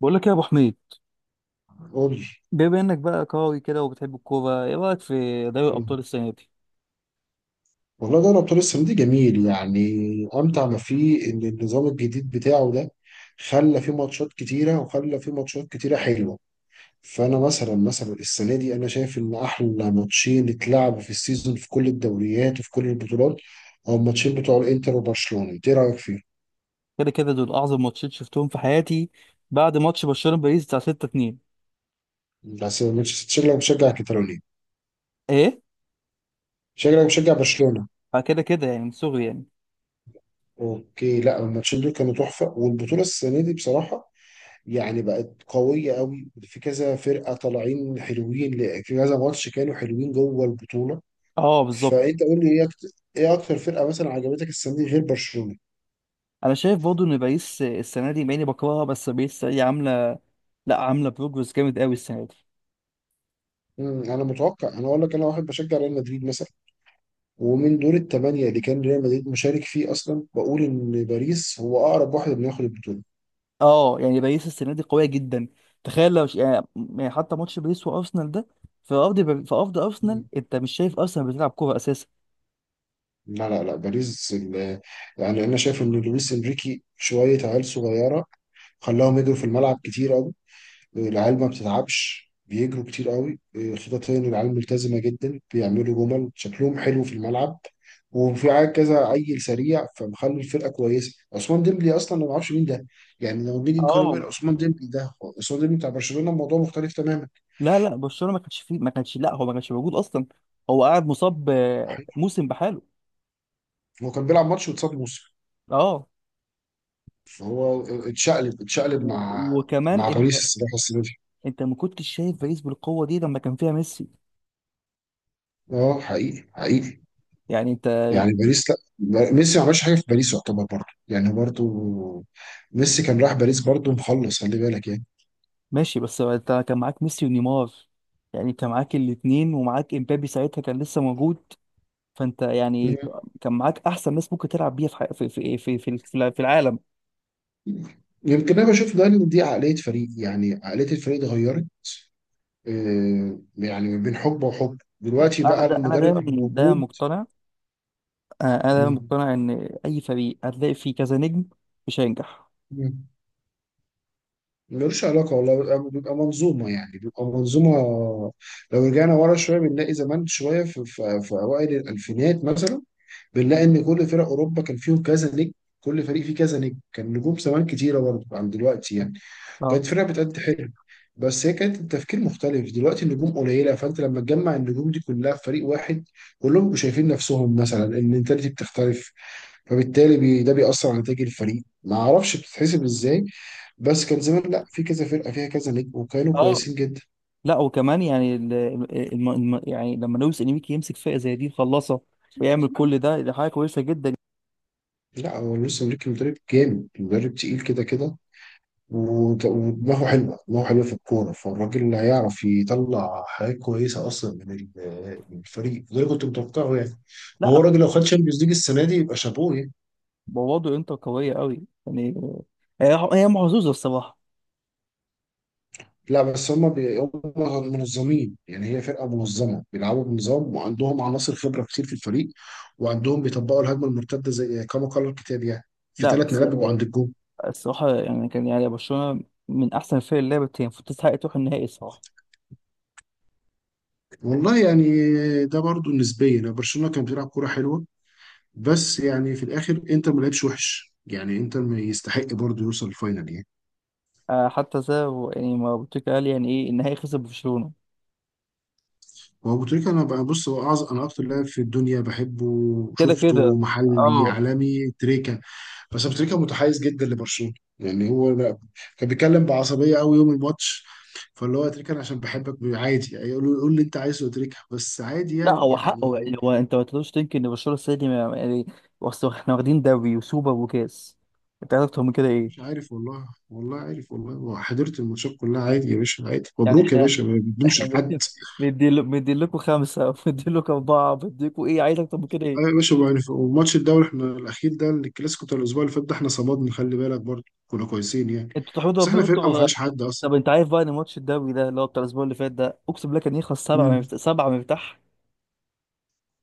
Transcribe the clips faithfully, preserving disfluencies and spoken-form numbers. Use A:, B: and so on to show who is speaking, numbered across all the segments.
A: بقول لك إيه يا ابو حميد؟
B: قول لي.
A: بما انك بقى قوي كده وبتحب الكوره، ايه رايك في دوري الابطال السنه دي؟
B: والله دوري ابطال السنه دي جميل يعني. امتع ما فيه ان النظام الجديد بتاعه ده خلى فيه ماتشات كتيره وخلى فيه ماتشات كتيره حلوه. فانا مثلا مثلا السنه دي انا شايف ان احلى ماتشين اتلعبوا في السيزون في كل الدوريات وفي كل البطولات. هو الماتشين بتوع الانتر وبرشلونه، انت ايه رايك فيهم؟
A: كده كده دول اعظم ماتشين شفتهم في حياتي بعد ماتش برشلونه باريس بتاع ستة اثنين.
B: بس مانشستر- شكلك مشجع كتالوني،
A: ايه؟
B: شكلك مشجع برشلونه.
A: فكده كده يعني من صغري يعني.
B: اوكي، لا الماتشين دول كانوا تحفه والبطوله السنه دي بصراحه يعني بقت قوية قوي، في كذا فرقة طالعين حلوين، ل- في كذا ماتش كانوا حلوين جوه البطولة.
A: اه بالظبط.
B: فأنت قول لي إيه أكتر, إيه أكتر فرقة مثلا عجبتك السنة دي غير برشلونة؟
A: انا شايف برضه ان باريس السنه دي مع اني بكرهها، بس باريس هي عامله، لا عامله بروجرس جامد قوي السنه دي.
B: مم، أنا متوقع أنا أقول لك، أنا واحد بشجع ريال مدريد مثلا، ومن دور الثمانية اللي كان ريال مدريد مشارك فيه أصلا بقول إن باريس هو أقرب واحد إنه ياخد البطولة.
A: اه يعني باريس السنه دي قويه جدا. تخيل لو ش... يعني يعني حتى ماتش باريس وارسنال ده، في ارض بر- في ارض ارسنال.
B: مم.
A: انت مش شايف ارسنال بتلعب كوره اساسا؟
B: لا لا لا، باريس ال- يعني أنا شايف إن لويس إنريكي شوية عيال صغيرة، خلاهم يجروا في الملعب كتير، العيال ما بتتعبش بيجروا كتير قوي، إيه، خططيا العيال ملتزمة جدا بيعملوا جمل شكلهم حلو في الملعب، وفي عيال كذا عيل سريع فمخلي الفرقة كويسة. عثمان ديمبلي أصلا أنا ما أعرفش مين ده، يعني لما بنيجي نقارن بين
A: اه.
B: عثمان ديمبلي ده، عثمان ديمبلي بتاع برشلونة الموضوع مختلف تماما.
A: لا لا، برشلونه ما كانش فيه ما كانش لا هو ما كانش موجود اصلا. هو قاعد مصاب آه،
B: الحقيقة،
A: موسم بحاله.
B: هو كان بيلعب ماتش واتصاب موسم،
A: اه.
B: فهو اتشقلب اتشقلب
A: و-
B: مع
A: وكمان
B: مع
A: انت
B: باريس الصراحة السنة دي.
A: انت ما كنتش شايف باريس بالقوه دي لما كان فيها ميسي.
B: اه، حقيقي حقيقي،
A: يعني انت،
B: يعني باريس، لا ميسي ما عملش حاجه في باريس يعتبر برضه، يعني برضه ميسي كان راح باريس برضه مخلص، خلي بالك يعني.
A: ماشي بس انت كان معاك ميسي ونيمار. يعني انت معاك الاثنين ومعاك امبابي ساعتها كان لسه موجود. فانت يعني
B: مم.
A: ك- كان معاك احسن ناس ممكن تلعب بيها في حي- في في في في في في العالم.
B: يمكن انا بشوف ده ان دي عقليه فريق، يعني عقليه الفريق اتغيرت، آه، يعني من بين حقبه وحقبه دلوقتي
A: انا
B: بقى
A: ده انا
B: المدرب
A: دايما
B: اللي
A: ده
B: موجود.
A: مقتنع. آه، انا دايما
B: مم.
A: مقتنع ان اي فريق هتلاقي فيه كذا نجم مش هينجح.
B: مم. ملوش علاقه والله، بيبقى بيبقى منظومه، يعني بيبقى منظومه. لو رجعنا ورا شويه بنلاقي زمان شويه في, في, في اوائل الالفينات مثلا، بنلاقي ان كل فرق اوروبا كان فيهم كذا نجم، كل فريق فيه كذا نجم، كان نجوم زمان كتيره برضه عن دلوقتي يعني.
A: اه
B: كانت فرقه بتأدي حلو، بس هي كانت التفكير مختلف، دلوقتي النجوم قليله، فانت لما تجمع النجوم دي كلها في فريق واحد، كلهم بيبقوا شايفين نفسهم، مثلا المنتاليتي بتختلف، فبالتالي بي ده بيأثر على نتائج الفريق، ما اعرفش بتتحسب ازاي. بس كان زمان لا، في كذا فرقه فيها كذا نجم وكانوا
A: اه.
B: كويسين جدا.
A: لا وكمان يعني ال- الم... الم... يعني لما لويس انيميكي يمسك فئه زي دي يخلصها ويعمل كل ده، دي حاجه كويسه جدا.
B: لا هو لسه مدرك، مدرب جامد مدرب تقيل كده كده، وت- ودماغه حلوه، دماغه حلوه في الكوره، فالراجل اللي هيعرف يطلع حاجات كويسه اصلا من ال- من الفريق، وده اللي كنت متوقعه يعني.
A: لا
B: وهو الراجل لو خد شامبيونز ليج السنه دي يبقى شابوه يعني.
A: بوضع انت قويه قوي يعني. هي هي محظوظه الصراحه.
B: لا بس هم بي... هم منظمين، يعني هي فرقه منظمه بيلعبوا بنظام وعندهم عناصر خبره كتير في الفريق، وعندهم بيطبقوا الهجمه المرتده زي كما قال الكتاب يعني، في
A: لا
B: ثلاث
A: بس
B: نقاط بيبقوا عند الجول.
A: الصراحه يعني كان يعني برشلونه من احسن الفرق اللي لعبت، هي المفروض تستحق تروح النهائي الصراحه.
B: والله يعني ده برضو نسبيا برشلونه كان بيلعب كوره حلوه، بس يعني في الاخر انتر ما لعبش وحش يعني، انتر ما يستحق برضه يوصل الفاينل يعني.
A: آه، حتى زي يعني ما بوتيكا قال، يعني ايه النهائي خسر برشلونه؟
B: هو ابو تريكه انا بقى بص، هو اعظم انا اكتر لاعب في الدنيا بحبه،
A: كده كده.
B: شفته محلي
A: اه
B: عالمي تريكه، بس ابو تريكه متحيز جدا لبرشلونه، يعني هو لا، كان بيتكلم بعصبيه قوي يوم الماتش، فاللي هو يا تريكه انا عشان بحبك عادي يعني، يقول له- قول اللي انت عايزه يا تريكه بس عادي
A: لا
B: يعني
A: هو حقه، يعني
B: يعني
A: هو انت ما تقدرش تنكر ان برشلونه السنه دي ما- يعني اصل احنا واخدين دوري وسوبر وكاس. انت عايز اكتر من كده
B: مش
A: ايه؟
B: عارف والله، والله عارف والله، وحضرت الماتشات كلها عادي يا باشا، عادي
A: يعني
B: مبروك يا
A: احنا
B: باشا ما بنمشي
A: احنا
B: لحد.
A: مدين مدين مدين لكم خمسه، مدين لكم اربعه، مدين لكم ايه؟ عايز اكتر من كده
B: ايوه يا
A: ايه؟
B: باشا بقى، وماتش الدوري احنا الاخير ده، الكلاسيكو بتاع الاسبوع اللي فات ده، احنا صمدنا خلي بالك، برضه كنا كويسين يعني،
A: انتوا تحمدوا
B: بس احنا
A: ربنا
B: فرقه ما
A: انتوا.
B: فيهاش حد اصلا.
A: طب انت عارف بقى ان ماتش الدوري ده اللي هو بتاع الاسبوع اللي فات ده، اقسم بالله كان يخلص سبعه
B: امم.
A: مفتاح سبعه مفتاح.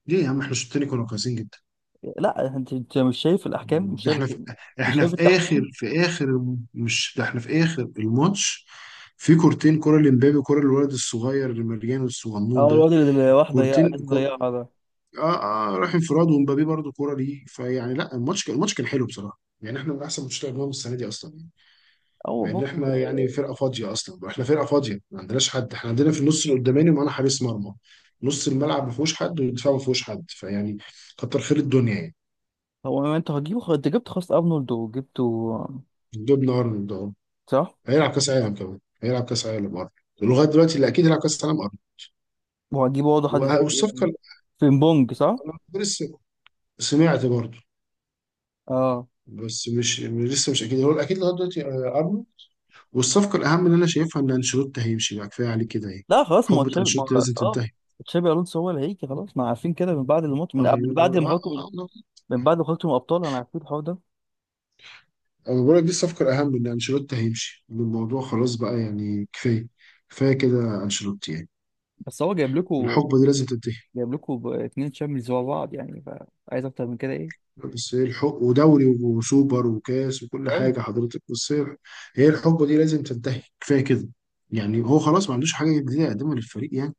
B: ليه يا عم، احنا الشوط التاني كنا كويسين جدا،
A: لا انت انت مش شايف الاحكام، مش
B: ده
A: شايف،
B: احنا في،
A: مش
B: احنا
A: شايف
B: في اخر،
A: التحكيم.
B: في اخر الم- مش ده احنا في اخر الماتش، في كورتين، كرة لمبابي وكرة للولد الصغير اللي مليان الصغنون
A: اه
B: ده،
A: الواد اللي راح ضيع
B: كورتين
A: اللي
B: كو...
A: ضيعها ده.
B: اه اه، راح انفراد ومبابي برضه كرة ليه فيعني، لا الماتش كان الماتش كان حلو بصراحة، يعني احنا من احسن ماتشات اللي لعبناهم السنة دي اصلا،
A: هو
B: مع ان
A: برضه.
B: احنا يعني فرقه فاضيه اصلا، احنا فرقه فاضيه ما عندناش حد، احنا عندنا في النص القداماني معانا حارس مرمى، نص الملعب ما فيهوش حد والدفاع ما فيهوش حد فيعني، كتر خير الدنيا يعني.
A: هو ما انت هتجيبه خلاص، انت جبت خلاص ارنولد وجبته.
B: جبنا ارنولد اهو،
A: صح.
B: هيلعب كاس عالم كمان، هيلعب كاس عالم ارنولد، لغايه دلوقتي اللي اكيد هيلعب كاس عالم ارنولد،
A: وهجيب برضه حد
B: وه-
A: تاني إيه بقى؟
B: والصفقه اللي،
A: فريمبونج صح.
B: انا لسه سمعت برضه،
A: اه.
B: بس مش لسه مش اكيد، هو الاكيد لغايه دلوقتي آه، ارنولد، والصفقه الاهم اللي انا شايفها ان انشيلوتي هيمشي بقى، كفايه عليه كده اهي،
A: لا خلاص، ما هو
B: حقبه
A: تشابي ما
B: انشيلوتي
A: هو-
B: لازم
A: اه
B: تنتهي.
A: تشابي الونسو هو اللي هيجي خلاص، ما عارفين كده من بعد الماتش، من قبل،
B: ايوه،
A: بعد ما خرجتوا، من بعد ما خرجتوا من الابطال انا عارفين الحوار ده.
B: انا بقول لك دي الصفقه الاهم ان انشيلوتي هيمشي، إن الموضوع خلاص بقى يعني كفايه، كفايه كده انشيلوتي يعني،
A: بس هو جايب لكم
B: الحقبه دي لازم تنتهي،
A: جايب لكم اثنين تشامبيونز ورا بعض يعني. فعايز اكتر من كده ايه؟
B: بس هي الحق ودوري وسوبر وكاس وكل حاجه
A: ايوه.
B: حضرتك، بس هي هي الحقبه دي لازم تنتهي، كفايه كده يعني، هو خلاص ما عندوش حاجه جديده يقدمها للفريق يعني،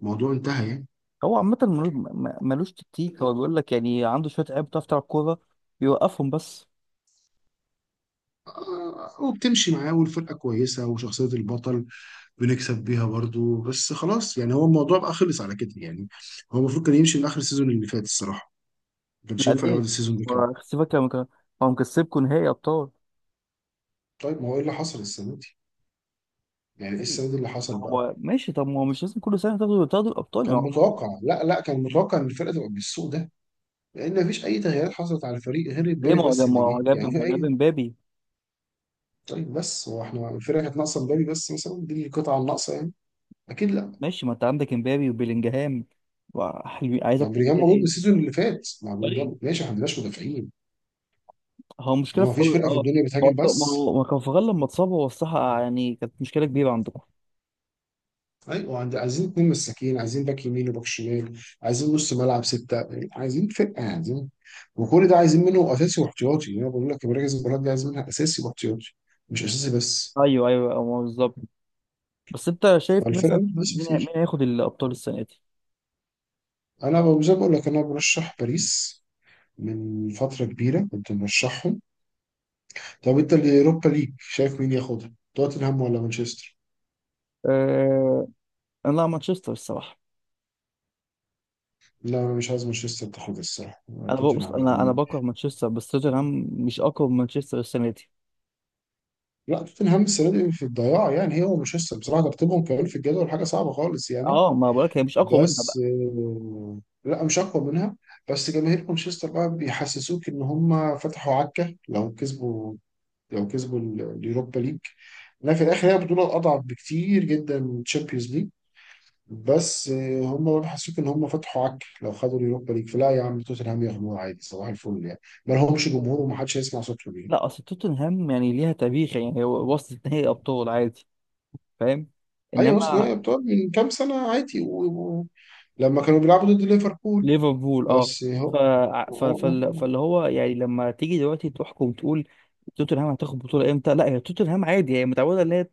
B: الموضوع انتهى يعني.
A: هو عامة ملو- م- ملوش تكتيك، هو بيقول لك يعني عنده شوية لعيبة بتعرف تلعب كورة، بيوقفهم بس.
B: آه، وبتمشي معاه والفرقه كويسه، وشخصيه البطل بنكسب بيها برضو، بس خلاص يعني هو الموضوع بقى خلص على كده يعني، هو المفروض كان يمشي من اخر السيزون اللي فات الصراحه، ما كانش
A: لا
B: ينفع يقعد
A: ليه؟
B: السيزون ده كمان.
A: هو سيبك يا مك- هو مكسبكوا نهائي أبطال.
B: طيب ما هو ايه اللي حصل السنه دي؟ يعني ايه السنه دي اللي حصل بقى؟
A: هو ماشي، طب ما هو مش لازم كل سنه تاخدوا تاخدوا الابطال، ما
B: كان
A: هو برضه.
B: متوقع، لا لا كان متوقع ان الفرقه تبقى بالسوء ده، لان مفيش اي تغييرات حصلت على الفريق غير
A: ليه؟
B: امبابي
A: ما هو
B: بس
A: جاب ما
B: اللي جه
A: هو جاب
B: يعني
A: ما
B: في
A: هو جاب
B: اي.
A: امبابي.
B: طيب بس هو احنا الفرقه كانت ناقصه امبابي بس مثلا، دي القطعه الناقصه يعني، اكيد لا.
A: ماشي، ما انت عندك امبابي وبيلينجهام وحلوين، عايز
B: لو
A: اكتر من
B: بلينجهام
A: كده
B: موجود من
A: ايه؟
B: السيزون اللي فات، مع بلينجهام
A: طيب
B: ماشي، احنا ما عندناش مدافعين،
A: هو مشكله
B: يعني هو
A: في
B: مفيش فرقه في
A: اه
B: الدنيا
A: ما هو
B: بتهاجم
A: ك- ما
B: بس.
A: هو ما كارفاخال لما اتصاب، هو الصراحه يعني كانت مشكله كبيره عندكم.
B: ايوه، عند- عايزين اتنين مساكين، عايزين باك يمين وباك شمال، عايزين نص ملعب ستة، عايزين فرقة، عايزين، وكل ده عايزين منه اساسي واحتياطي، يعني انا بقول لك مراكز المباراة دي عايزين منها اساسي واحتياطي، مش اساسي بس،
A: ايوه ايوه أه، بالظبط. بس انت شايف
B: فالفرقة
A: مثلا
B: دي بس
A: مين،
B: كتير.
A: مين هياخد الابطال السنه دي؟
B: انا ب- زي ما بقول لك انا برشح باريس، من فترة كبيرة كنت مرشحهم. طب انت اليوروبا ليج شايف مين ياخدها، توتنهام ولا مانشستر؟
A: أه... انا مانشستر الصراحه.
B: لا انا مش عايز مانشستر تاخدها الصراحة.
A: انا بص،
B: توتنهام يا
A: انا انا
B: عم،
A: بكره مانشستر، بس توتنهام مش اقوى من مانشستر السنه دي.
B: لا توتنهام السنه دي في الضياع يعني، هي ومانشستر بصراحه ترتيبهم كمان في الجدول حاجه صعبه خالص يعني،
A: اه ما بقولك هي مش اقوى منها بقى.
B: بس آه، لا مش اقوى منها، بس جماهير مانشستر بقى بيحسسوك ان هم فتحوا عكه لو كسبوا لو كسبوا ال- اليوروبا ليج، لكن في الاخر هي بطوله اضعف بكتير جدا من تشامبيونز ليج، بس آه، هم بيحسسوك ان هم فتحوا عكه لو خدوا اليوروبا ليج، فلا يا عم توتنهام ياخدوها عادي صباح الفل يعني، ما لهمش جمهور ومحدش هيسمع صوتهم يعني.
A: لا اصل توتنهام يعني ليها تاريخ، يعني هو وصلت نهائي ابطال عادي. فاهم.
B: ايوه حسني،
A: انما
B: أيوة بتوع من كام سنة عادي و... و... لما كانوا بيلعبوا ضد ليفربول،
A: ليفربول اه.
B: بس
A: ف...
B: هو
A: ف... فال... فاللي هو يعني لما تيجي دلوقتي تحكم تقول توتنهام هتاخد بطوله امتى. لا هي توتنهام عادي، هي متعوده ان هي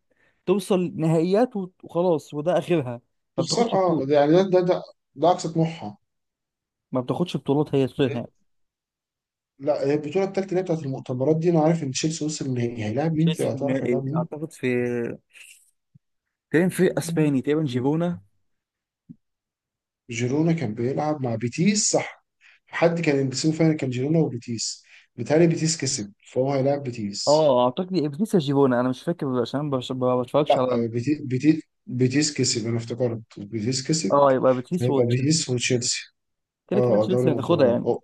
A: توصل نهائيات وت- وخلاص وده اخرها. ما
B: تخسر،
A: بتاخدش
B: اه،
A: بطوله،
B: ده- يعني ده ده ده, ده اقصى طموحها.
A: ما بتاخدش بطولات هي توتنهام.
B: لا هي البطولة التالتة اللي هي بتاعت المؤتمرات دي، انا عارف ان تشيلسي وصل النهائي، هيلاعب مين انت
A: تشيلسي في
B: هتعرف
A: النهائي
B: هيلاعب مين؟
A: اعتقد في، تقريبا في اسباني تقريبا جيفونا.
B: جيرونا كان بيلعب مع بيتيس صح، حد كان السيمي فاينل كان جيرونا وبيتيس، بيتهيألي بيتيس كسب فهو هيلاعب بيتيس،
A: اه اعتقد بيتيس يا جيفونا، انا مش فاكر عشان ما بش- ما بتفرجش
B: لا
A: على
B: آه،
A: ال...
B: بيتي- بيتي- بيتيس كسب، انا افتكرت بيتيس كسب،
A: اه يبقى بيتيس
B: فهيبقى
A: وتشيلسي.
B: بيتيس وتشيلسي. اه
A: كده كده
B: آه، دوري
A: تشيلسي هتاخدها
B: المؤتمرات
A: يعني.
B: اه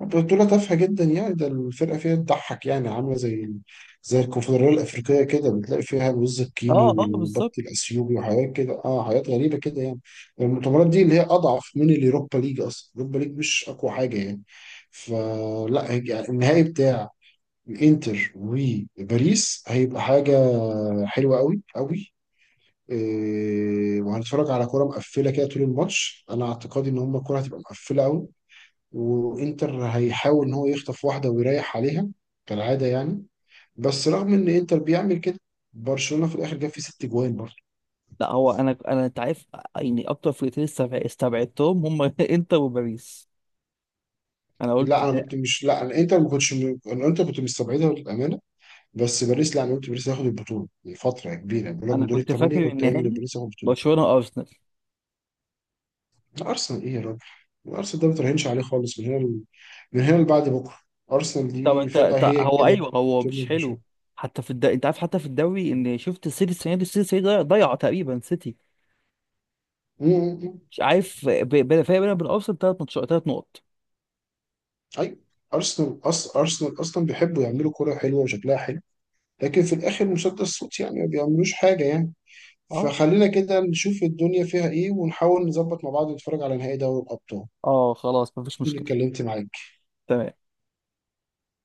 B: بطولة تافهة جدا يعني، ده الفرقة فيها تضحك يعني، عاملة زي زي الكونفدرالية الأفريقية كده، بتلاقي فيها الوز
A: اه
B: الكيني
A: اه
B: والبط
A: بالظبط.
B: الأثيوبي وحاجات كده، اه حاجات غريبة كده يعني. المؤتمرات دي اللي هي أضعف من اليوروبا ليج أصلا، اليوروبا ليج مش أقوى حاجة يعني، فلا هيج- يعني النهائي بتاع الانتر وباريس هيبقى حاجة حلوة قوي قوي، إيه، وهنتفرج على كرة مقفلة كده طول الماتش، أنا اعتقادي إن هما الكرة هتبقى مقفلة أوي، وإنتر هيحاول إن هو يخطف واحدة ويريح عليها كالعادة يعني، بس رغم إن إنتر بيعمل كده برشلونة في الآخر جاب فيه ست جوان برضه.
A: لا هو انا انا انت عارف، يعني اكتر فرقتين استبع- استبعدتهم هم انتر وباريس. انا قلت
B: لا أنا
A: ده.
B: كنت مش، لا أنا إنتر ما كنتش م- أنا إنتر كنت مستبعدها للأمانة، بس باريس لا أنا قلت باريس هياخد البطولة، لفترة كبيرة بقول لك
A: انا
B: من دور
A: كنت
B: الثمانية
A: فاكر
B: كنت قايل إن
A: النهائي
B: باريس هياخد البطولة.
A: برشلونه وارسنال.
B: ارسنال ايه يا راجل، ارسنال ده ما تراهنش عليه خالص، من هنا ل- من هنا لبعد بكره، ارسنال
A: طب
B: دي
A: انت
B: فرقه
A: طب
B: هي
A: هو
B: كده
A: ايوه هو مش
B: بتبني مشاكل.
A: حلو. حتى في الد... انت عارف حتى في الدوري ان شفت السيتي السنه دي السيتي السنة دي ضيع ضيع تقريبا سيتي.
B: م- م- م.
A: مش عارف ب... ب... فرق بينهم وبين ارسنال ثلاث ماتشات، ثلاث نقط.
B: اي، ارسنال اصلا ارسنال اصلا بيحبوا يعملوا كره حلوه وشكلها حلو، لكن في الاخر مسدس صوت يعني ما بيعملوش حاجه يعني،
A: اه
B: فخلينا كده نشوف الدنيا فيها ايه ونحاول نظبط مع بعض نتفرج على نهائي دوري الابطال.
A: اه خلاص مفيش
B: أنا
A: مشكله.
B: اتكلمت معاك.
A: تمام.